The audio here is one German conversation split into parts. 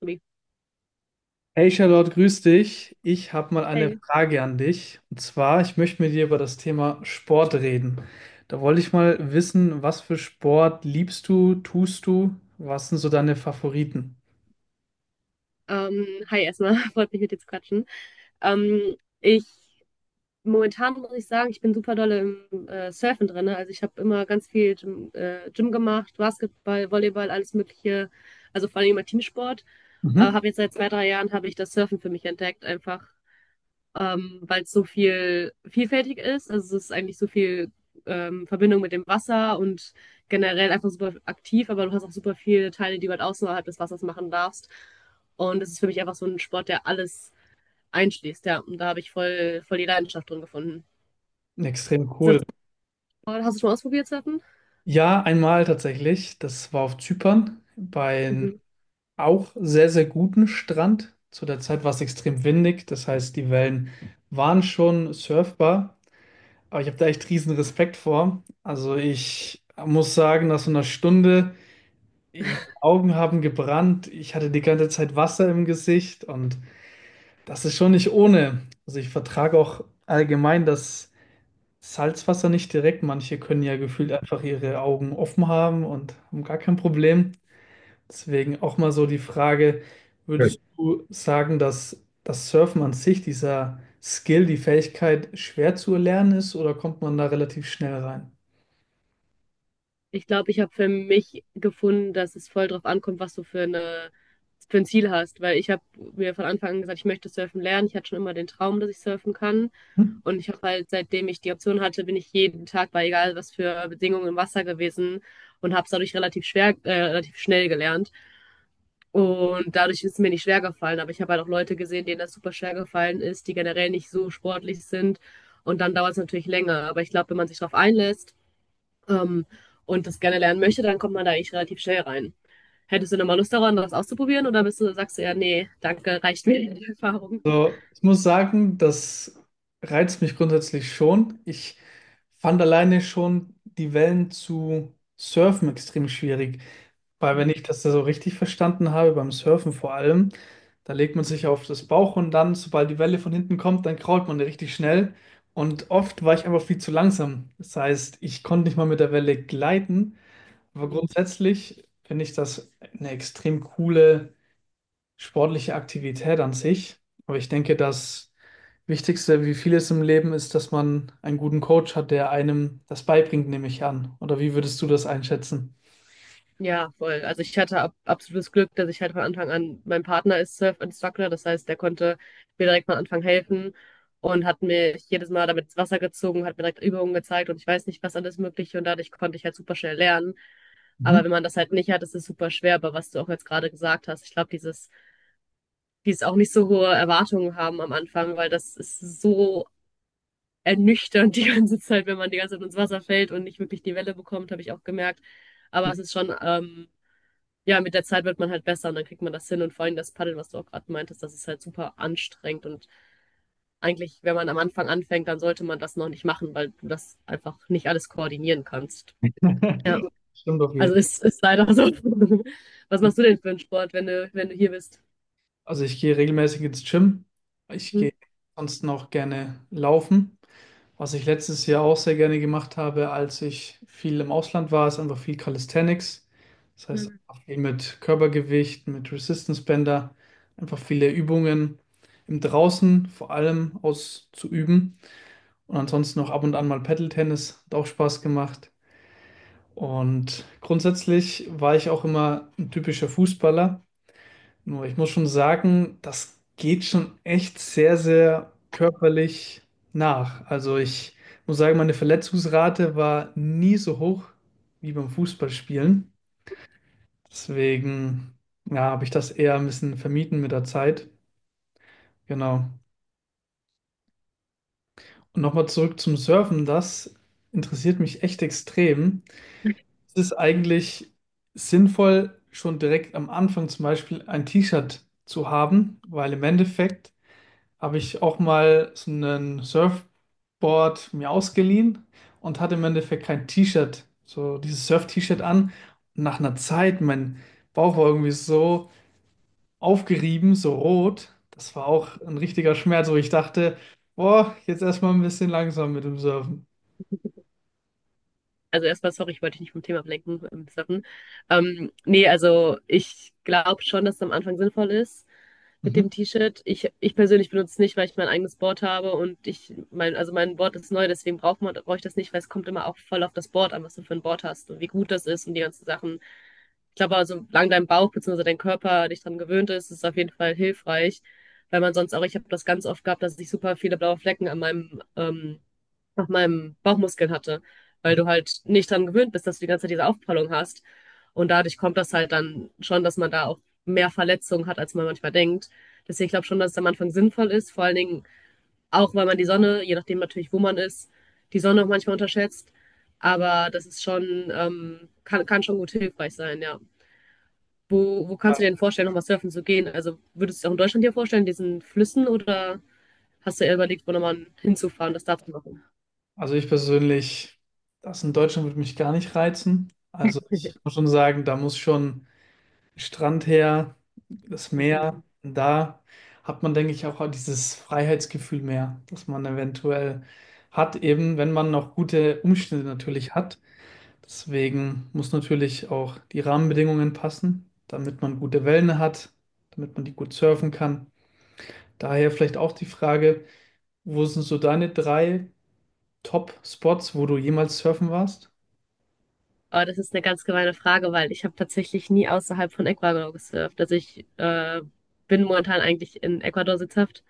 Tobi. Hey Charlotte, grüß dich. Ich habe mal eine Hey. Frage an dich. Und zwar, ich möchte mit dir über das Thema Sport reden. Da wollte ich mal wissen, was für Sport liebst du, tust du? Was sind so deine Favoriten? Hi erstmal, freut mich mit dir zu quatschen. Ich Momentan muss ich sagen, ich bin super dolle im Surfen drin, ne? Also ich habe immer ganz viel Gym, Gym gemacht, Basketball, Volleyball, alles Mögliche. Also vor allem immer Teamsport. Mhm. Aber habe jetzt seit 2, 3 Jahren habe ich das Surfen für mich entdeckt, einfach weil es so viel vielfältig ist. Also es ist eigentlich so viel Verbindung mit dem Wasser und generell einfach super aktiv, aber du hast auch super viele Teile, die du halt außerhalb des Wassers machen darfst. Und das ist für mich einfach so ein Sport, der alles einschließt, ja. Und da habe ich voll, voll die Leidenschaft drin gefunden. Extrem Ist das, cool. hast du schon mal ausprobiert, Surfen? Ja, einmal tatsächlich. Das war auf Zypern bei einem Mhm. auch sehr, sehr guten Strand. Zu der Zeit war es extrem windig. Das heißt, die Wellen waren schon surfbar. Aber ich habe da echt riesen Respekt vor. Also ich muss sagen, nach so einer Stunde, die Augen haben gebrannt, ich hatte die ganze Zeit Wasser im Gesicht und das ist schon nicht ohne. Also ich vertrage auch allgemein das Salzwasser nicht direkt. Manche können ja gefühlt einfach ihre Augen offen haben und haben gar kein Problem. Deswegen auch mal so die Frage, Ja, würdest du sagen, dass das Surfen an sich, dieser Skill, die Fähigkeit schwer zu erlernen ist oder kommt man da relativ schnell rein? Ich glaube, ich habe für mich gefunden, dass es voll drauf ankommt, was du für ein Ziel hast. Weil ich habe mir von Anfang an gesagt, ich möchte surfen lernen. Ich hatte schon immer den Traum, dass ich surfen kann. Hm? Und ich habe halt, seitdem ich die Option hatte, bin ich jeden Tag bei egal was für Bedingungen im Wasser gewesen und habe es dadurch relativ schnell gelernt. Und dadurch ist es mir nicht schwer gefallen. Aber ich habe halt auch Leute gesehen, denen das super schwer gefallen ist, die generell nicht so sportlich sind. Und dann dauert es natürlich länger. Aber ich glaube, wenn man sich darauf einlässt ähm, und das gerne lernen möchte, dann kommt man da eigentlich relativ schnell rein. Hättest du nochmal Lust daran, das auszuprobieren? Oder sagst du ja, nee, danke, reicht mir die Erfahrung? So, ich muss sagen, das reizt mich grundsätzlich schon. Ich fand alleine schon die Wellen zu surfen extrem schwierig, weil wenn ich das da so richtig verstanden habe, beim Surfen vor allem, da legt man sich auf das Bauch und dann, sobald die Welle von hinten kommt, dann krault man richtig schnell. Und oft war ich einfach viel zu langsam. Das heißt, ich konnte nicht mal mit der Welle gleiten. Aber Mhm. grundsätzlich finde ich das eine extrem coole sportliche Aktivität an sich. Aber ich denke, das Wichtigste, wie vieles im Leben, ist, dass man einen guten Coach hat, der einem das beibringt, nehme ich an. Oder wie würdest du das einschätzen? Ja, voll. Also ich hatte absolutes Glück, dass ich halt von Anfang an, mein Partner ist Surf-Instructor, das heißt, der konnte mir direkt von Anfang helfen und hat mir jedes Mal damit ins Wasser gezogen, hat mir direkt Übungen gezeigt und ich weiß nicht, was alles Mögliche, und dadurch konnte ich halt super schnell lernen. Mhm. Aber wenn man das halt nicht hat, ist es super schwer, aber was du auch jetzt gerade gesagt hast, ich glaube, dieses auch nicht so hohe Erwartungen haben am Anfang, weil das ist so ernüchternd die ganze Zeit, wenn man die ganze Zeit ins Wasser fällt und nicht wirklich die Welle bekommt, habe ich auch gemerkt. Aber es ist schon, ja, mit der Zeit wird man halt besser und dann kriegt man das hin. Und vor allem das Paddel, was du auch gerade meintest, das ist halt super anstrengend. Und eigentlich, wenn man am Anfang anfängt, dann sollte man das noch nicht machen, weil du das einfach nicht alles koordinieren kannst. Ja, Stimmt auf jeden also Fall. Ist leider so. Was machst du denn für einen Sport, wenn du hier bist? Also ich gehe regelmäßig ins Gym. Ich Mhm. gehe sonst noch gerne laufen. Was ich letztes Jahr auch sehr gerne gemacht habe, als ich viel im Ausland war, ist einfach viel Calisthenics. Das heißt, einfach viel mit Körpergewicht, mit Resistance Bänder, einfach viele Übungen im Draußen vor allem auszuüben. Und ansonsten noch ab und an mal Paddle-Tennis, hat auch Spaß gemacht. Und grundsätzlich war ich auch immer ein typischer Fußballer. Nur ich muss schon sagen, das geht schon echt sehr, sehr körperlich nach. Also ich muss sagen, meine Verletzungsrate war nie so hoch wie beim Fußballspielen. Deswegen, ja, habe ich das eher ein bisschen vermieden mit der Zeit. Genau. Und nochmal zurück zum Surfen, das interessiert mich echt extrem. Es ist eigentlich sinnvoll, schon direkt am Anfang zum Beispiel ein T-Shirt zu haben, weil im Endeffekt habe ich auch mal so ein Surfboard mir ausgeliehen und hatte im Endeffekt kein T-Shirt, so dieses Surf-T-Shirt an. Und nach einer Zeit, mein Bauch war irgendwie so aufgerieben, so rot. Das war auch ein richtiger Schmerz, wo ich dachte, boah, jetzt erstmal ein bisschen langsam mit dem Surfen. Also erstmal, sorry, ich wollte dich nicht vom Thema ablenken. Sorry. Nee, also ich glaube schon, dass es am Anfang sinnvoll ist mit Mhm. dem T-Shirt. Ich persönlich benutze es nicht, weil ich mein eigenes Board habe und also mein Board ist neu, deswegen brauche ich das nicht, weil es kommt immer auch voll auf das Board an, was du für ein Board hast und wie gut das ist und die ganzen Sachen. Ich glaube, also, solange dein Bauch bzw. dein Körper dich daran gewöhnt ist, ist es auf jeden Fall hilfreich. Weil man sonst auch, ich habe das ganz oft gehabt, dass ich super viele blaue Flecken an meinem auf meinem Bauchmuskeln hatte, weil du halt nicht dran gewöhnt bist, dass du die ganze Zeit diese Aufprallung hast. Und dadurch kommt das halt dann schon, dass man da auch mehr Verletzungen hat, als man manchmal denkt. Deswegen glaube ich schon, dass es am Anfang sinnvoll ist, vor allen Dingen auch, weil man die Sonne, je nachdem natürlich, wo man ist, die Sonne auch manchmal unterschätzt. Aber das ist schon, kann schon gut hilfreich sein, ja. Wo kannst du dir denn vorstellen, nochmal surfen zu gehen? Also würdest du es auch in Deutschland dir vorstellen, diesen Flüssen, oder hast du eher überlegt, wo nochmal hinzufahren, das da zu machen? Also ich persönlich, das in Deutschland würde mich gar nicht reizen. Also ich muss schon sagen, da muss schon Strand her, das Meer. Und da hat man, denke ich, auch dieses Freiheitsgefühl mehr, das man eventuell hat, eben wenn man noch gute Umstände natürlich hat. Deswegen muss natürlich auch die Rahmenbedingungen passen, damit man gute Wellen hat, damit man die gut surfen kann. Daher vielleicht auch die Frage, wo sind so deine drei Top-Spots, wo du jemals surfen warst? Oh, das ist eine ganz gemeine Frage, weil ich habe tatsächlich nie außerhalb von Ecuador gesurft. Also ich bin momentan eigentlich in Ecuador sitzhaft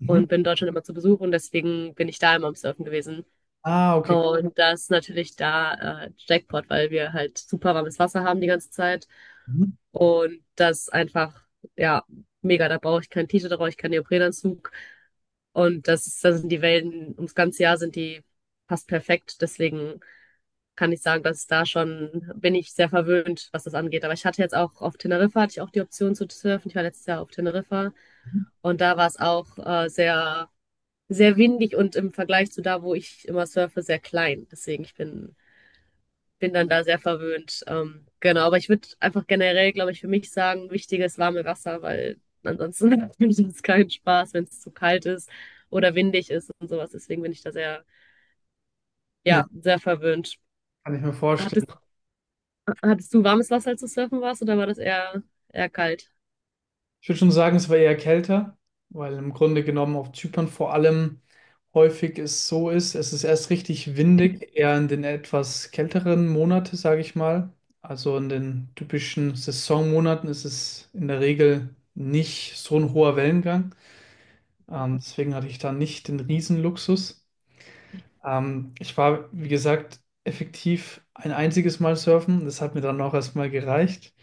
Mhm. und bin in Deutschland immer zu Besuch und deswegen bin ich da immer am Surfen gewesen. Ah, okay. Und das ist natürlich da Jackpot, weil wir halt super warmes Wasser haben die ganze Zeit Mhm. und das einfach, ja, mega. Da brauche ich kein T-Shirt, da brauche ich keinen Neoprenanzug und das ist, da sind die Wellen ums ganze Jahr sind die fast perfekt. Deswegen kann ich sagen, dass da schon bin ich sehr verwöhnt, was das angeht. Aber ich hatte jetzt auch auf Teneriffa, hatte ich auch die Option zu surfen. Ich war letztes Jahr auf Teneriffa und da war es auch sehr windig und im Vergleich zu da, wo ich immer surfe, sehr klein. Deswegen, bin dann da sehr verwöhnt. Genau, aber ich würde einfach generell, glaube ich, für mich sagen, wichtiges warme Wasser, weil ansonsten macht mir das keinen Spaß, wenn es zu kalt ist oder windig ist und sowas. Deswegen bin ich da Ja, ja, sehr verwöhnt. kann ich mir Hattest vorstellen. Hattest du warmes Wasser, als du surfen warst, oder war das eher kalt? Ich würde schon sagen, es war eher kälter, weil im Grunde genommen auf Zypern vor allem häufig es so ist, es ist erst richtig windig, eher in den etwas kälteren Monaten, sage ich mal. Also in den typischen Saisonmonaten ist es in der Regel nicht so ein hoher Wellengang. Deswegen hatte ich da nicht den Riesenluxus. Ich war, wie gesagt, effektiv ein einziges Mal surfen. Das hat mir dann auch erstmal gereicht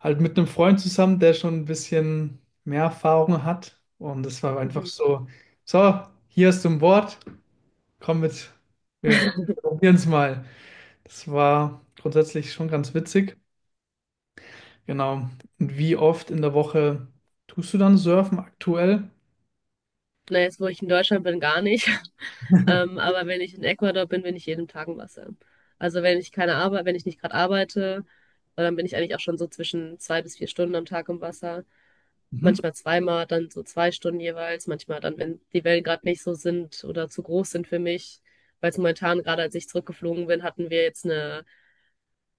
halt mit einem Freund zusammen, der schon ein bisschen mehr Erfahrung hat. Und das war einfach Mhm. so, so, hier ist ein Board, komm mit, wir probieren es mal. Das war grundsätzlich schon ganz witzig. Genau. Und wie oft in der Woche tust du dann surfen aktuell? Na, jetzt, wo ich in Deutschland bin, gar nicht. Aber wenn ich in Ecuador bin, bin ich jeden Tag im Wasser. Also wenn ich keine Arbeit, wenn ich nicht gerade arbeite, dann bin ich eigentlich auch schon so zwischen 2 bis 4 Stunden am Tag im Wasser. Mhm. Manchmal zweimal, dann so 2 Stunden jeweils. Manchmal dann, wenn die Wellen gerade nicht so sind oder zu groß sind für mich. Weil es momentan, gerade als ich zurückgeflogen bin, hatten wir jetzt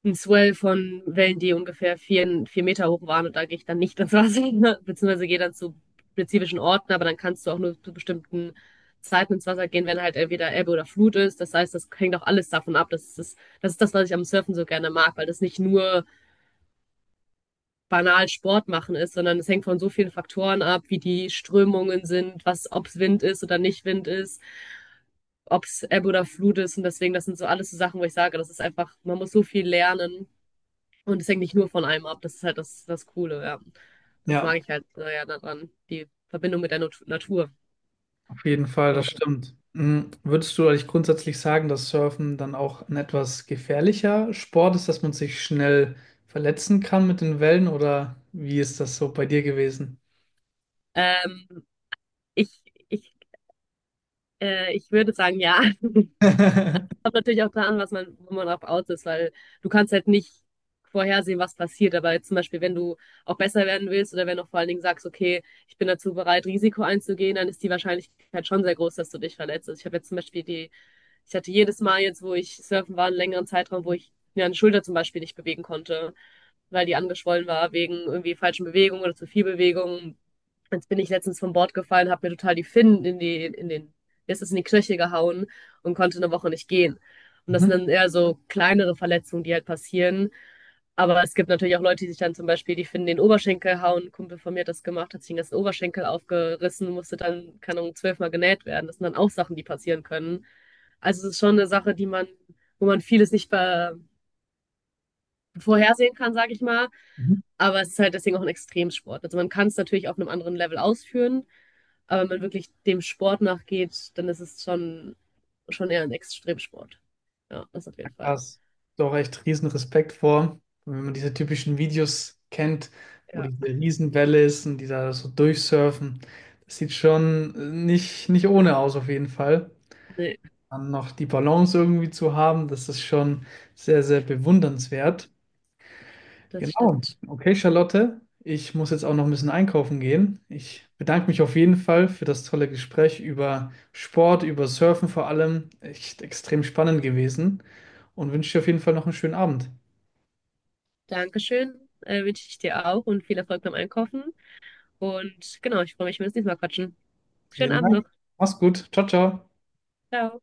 ein Swell von Wellen, die ungefähr 4, 4 Meter hoch waren und da gehe ich dann nicht ins Wasser, ne? Beziehungsweise gehe dann zu spezifischen Orten, aber dann kannst du auch nur zu bestimmten Zeiten ins Wasser gehen, wenn halt entweder Ebbe oder Flut ist. Das heißt, das hängt auch alles davon ab. Das ist das, was ich am Surfen so gerne mag, weil das nicht nur banal Sport machen ist, sondern es hängt von so vielen Faktoren ab, wie die Strömungen sind, was, ob es Wind ist oder nicht Wind ist, ob es Ebbe oder Flut ist. Und deswegen, das sind so alles so Sachen, wo ich sage, das ist einfach, man muss so viel lernen und es hängt nicht nur von einem ab, das ist halt das, das Coole, ja. Das Ja. mag ich halt ja daran, die Verbindung mit der Natur. Auf jeden Fall, Ja. das stimmt. Mm, würdest du eigentlich grundsätzlich sagen, dass Surfen dann auch ein etwas gefährlicher Sport ist, dass man sich schnell verletzen kann mit den Wellen oder wie ist das so bei dir gewesen? Ähm, ich, ich, Ich würde sagen, ja. Kommt natürlich auch daran, was man, wo man drauf aus ist, weil du kannst halt nicht vorhersehen, was passiert. Aber jetzt zum Beispiel, wenn du auch besser werden willst oder wenn du vor allen Dingen sagst, okay, ich bin dazu bereit, Risiko einzugehen, dann ist die Wahrscheinlichkeit schon sehr groß, dass du dich verletzt. Also ich habe jetzt zum Beispiel die Ich hatte jedes Mal jetzt, wo ich surfen war, einen längeren Zeitraum, wo ich mir eine Schulter zum Beispiel nicht bewegen konnte, weil die angeschwollen war wegen irgendwie falschen Bewegungen oder zu viel Bewegung. Jetzt bin ich letztens vom Bord gefallen, habe mir total die Finnen in den, ist es in die Knöchel gehauen und konnte eine Woche nicht gehen. Und das sind Mhm. dann eher so kleinere Verletzungen, die halt passieren. Aber es gibt natürlich auch Leute, die sich dann zum Beispiel, die finden den Oberschenkel hauen. Ein Kumpel von mir hat das gemacht, hat sich den ganzen Oberschenkel aufgerissen, musste dann, keine Ahnung, 12-mal genäht werden. Das sind dann auch Sachen, die passieren können. Also es ist schon eine Sache, die man, wo man vieles nicht be vorhersehen kann, sage ich mal. Mhm. Aber es ist halt deswegen auch ein Extremsport. Also man kann es natürlich auf einem anderen Level ausführen, aber wenn man wirklich dem Sport nachgeht, dann ist es schon eher ein Extremsport. Ja, das auf Ja, jeden Fall. krass. Doch echt riesen Respekt vor, wenn man diese typischen Videos kennt, wo Ja. diese Riesenwelle ist und die da so durchsurfen. Das sieht schon nicht, nicht ohne aus, auf jeden Fall. Nee, Dann noch die Balance irgendwie zu haben, das ist schon sehr, sehr bewundernswert. das Genau. stimmt. Okay, Charlotte, ich muss jetzt auch noch ein bisschen einkaufen gehen. Ich bedanke mich auf jeden Fall für das tolle Gespräch über Sport, über Surfen vor allem. Echt extrem spannend gewesen und wünsche dir auf jeden Fall noch einen schönen Abend. Dankeschön, wünsche ich dir auch und viel Erfolg beim Einkaufen. Und genau, ich freue mich, wenn wir uns nächstes Mal quatschen. Schönen Vielen Abend noch. Dank. Mach's gut. Ciao, ciao. Ciao.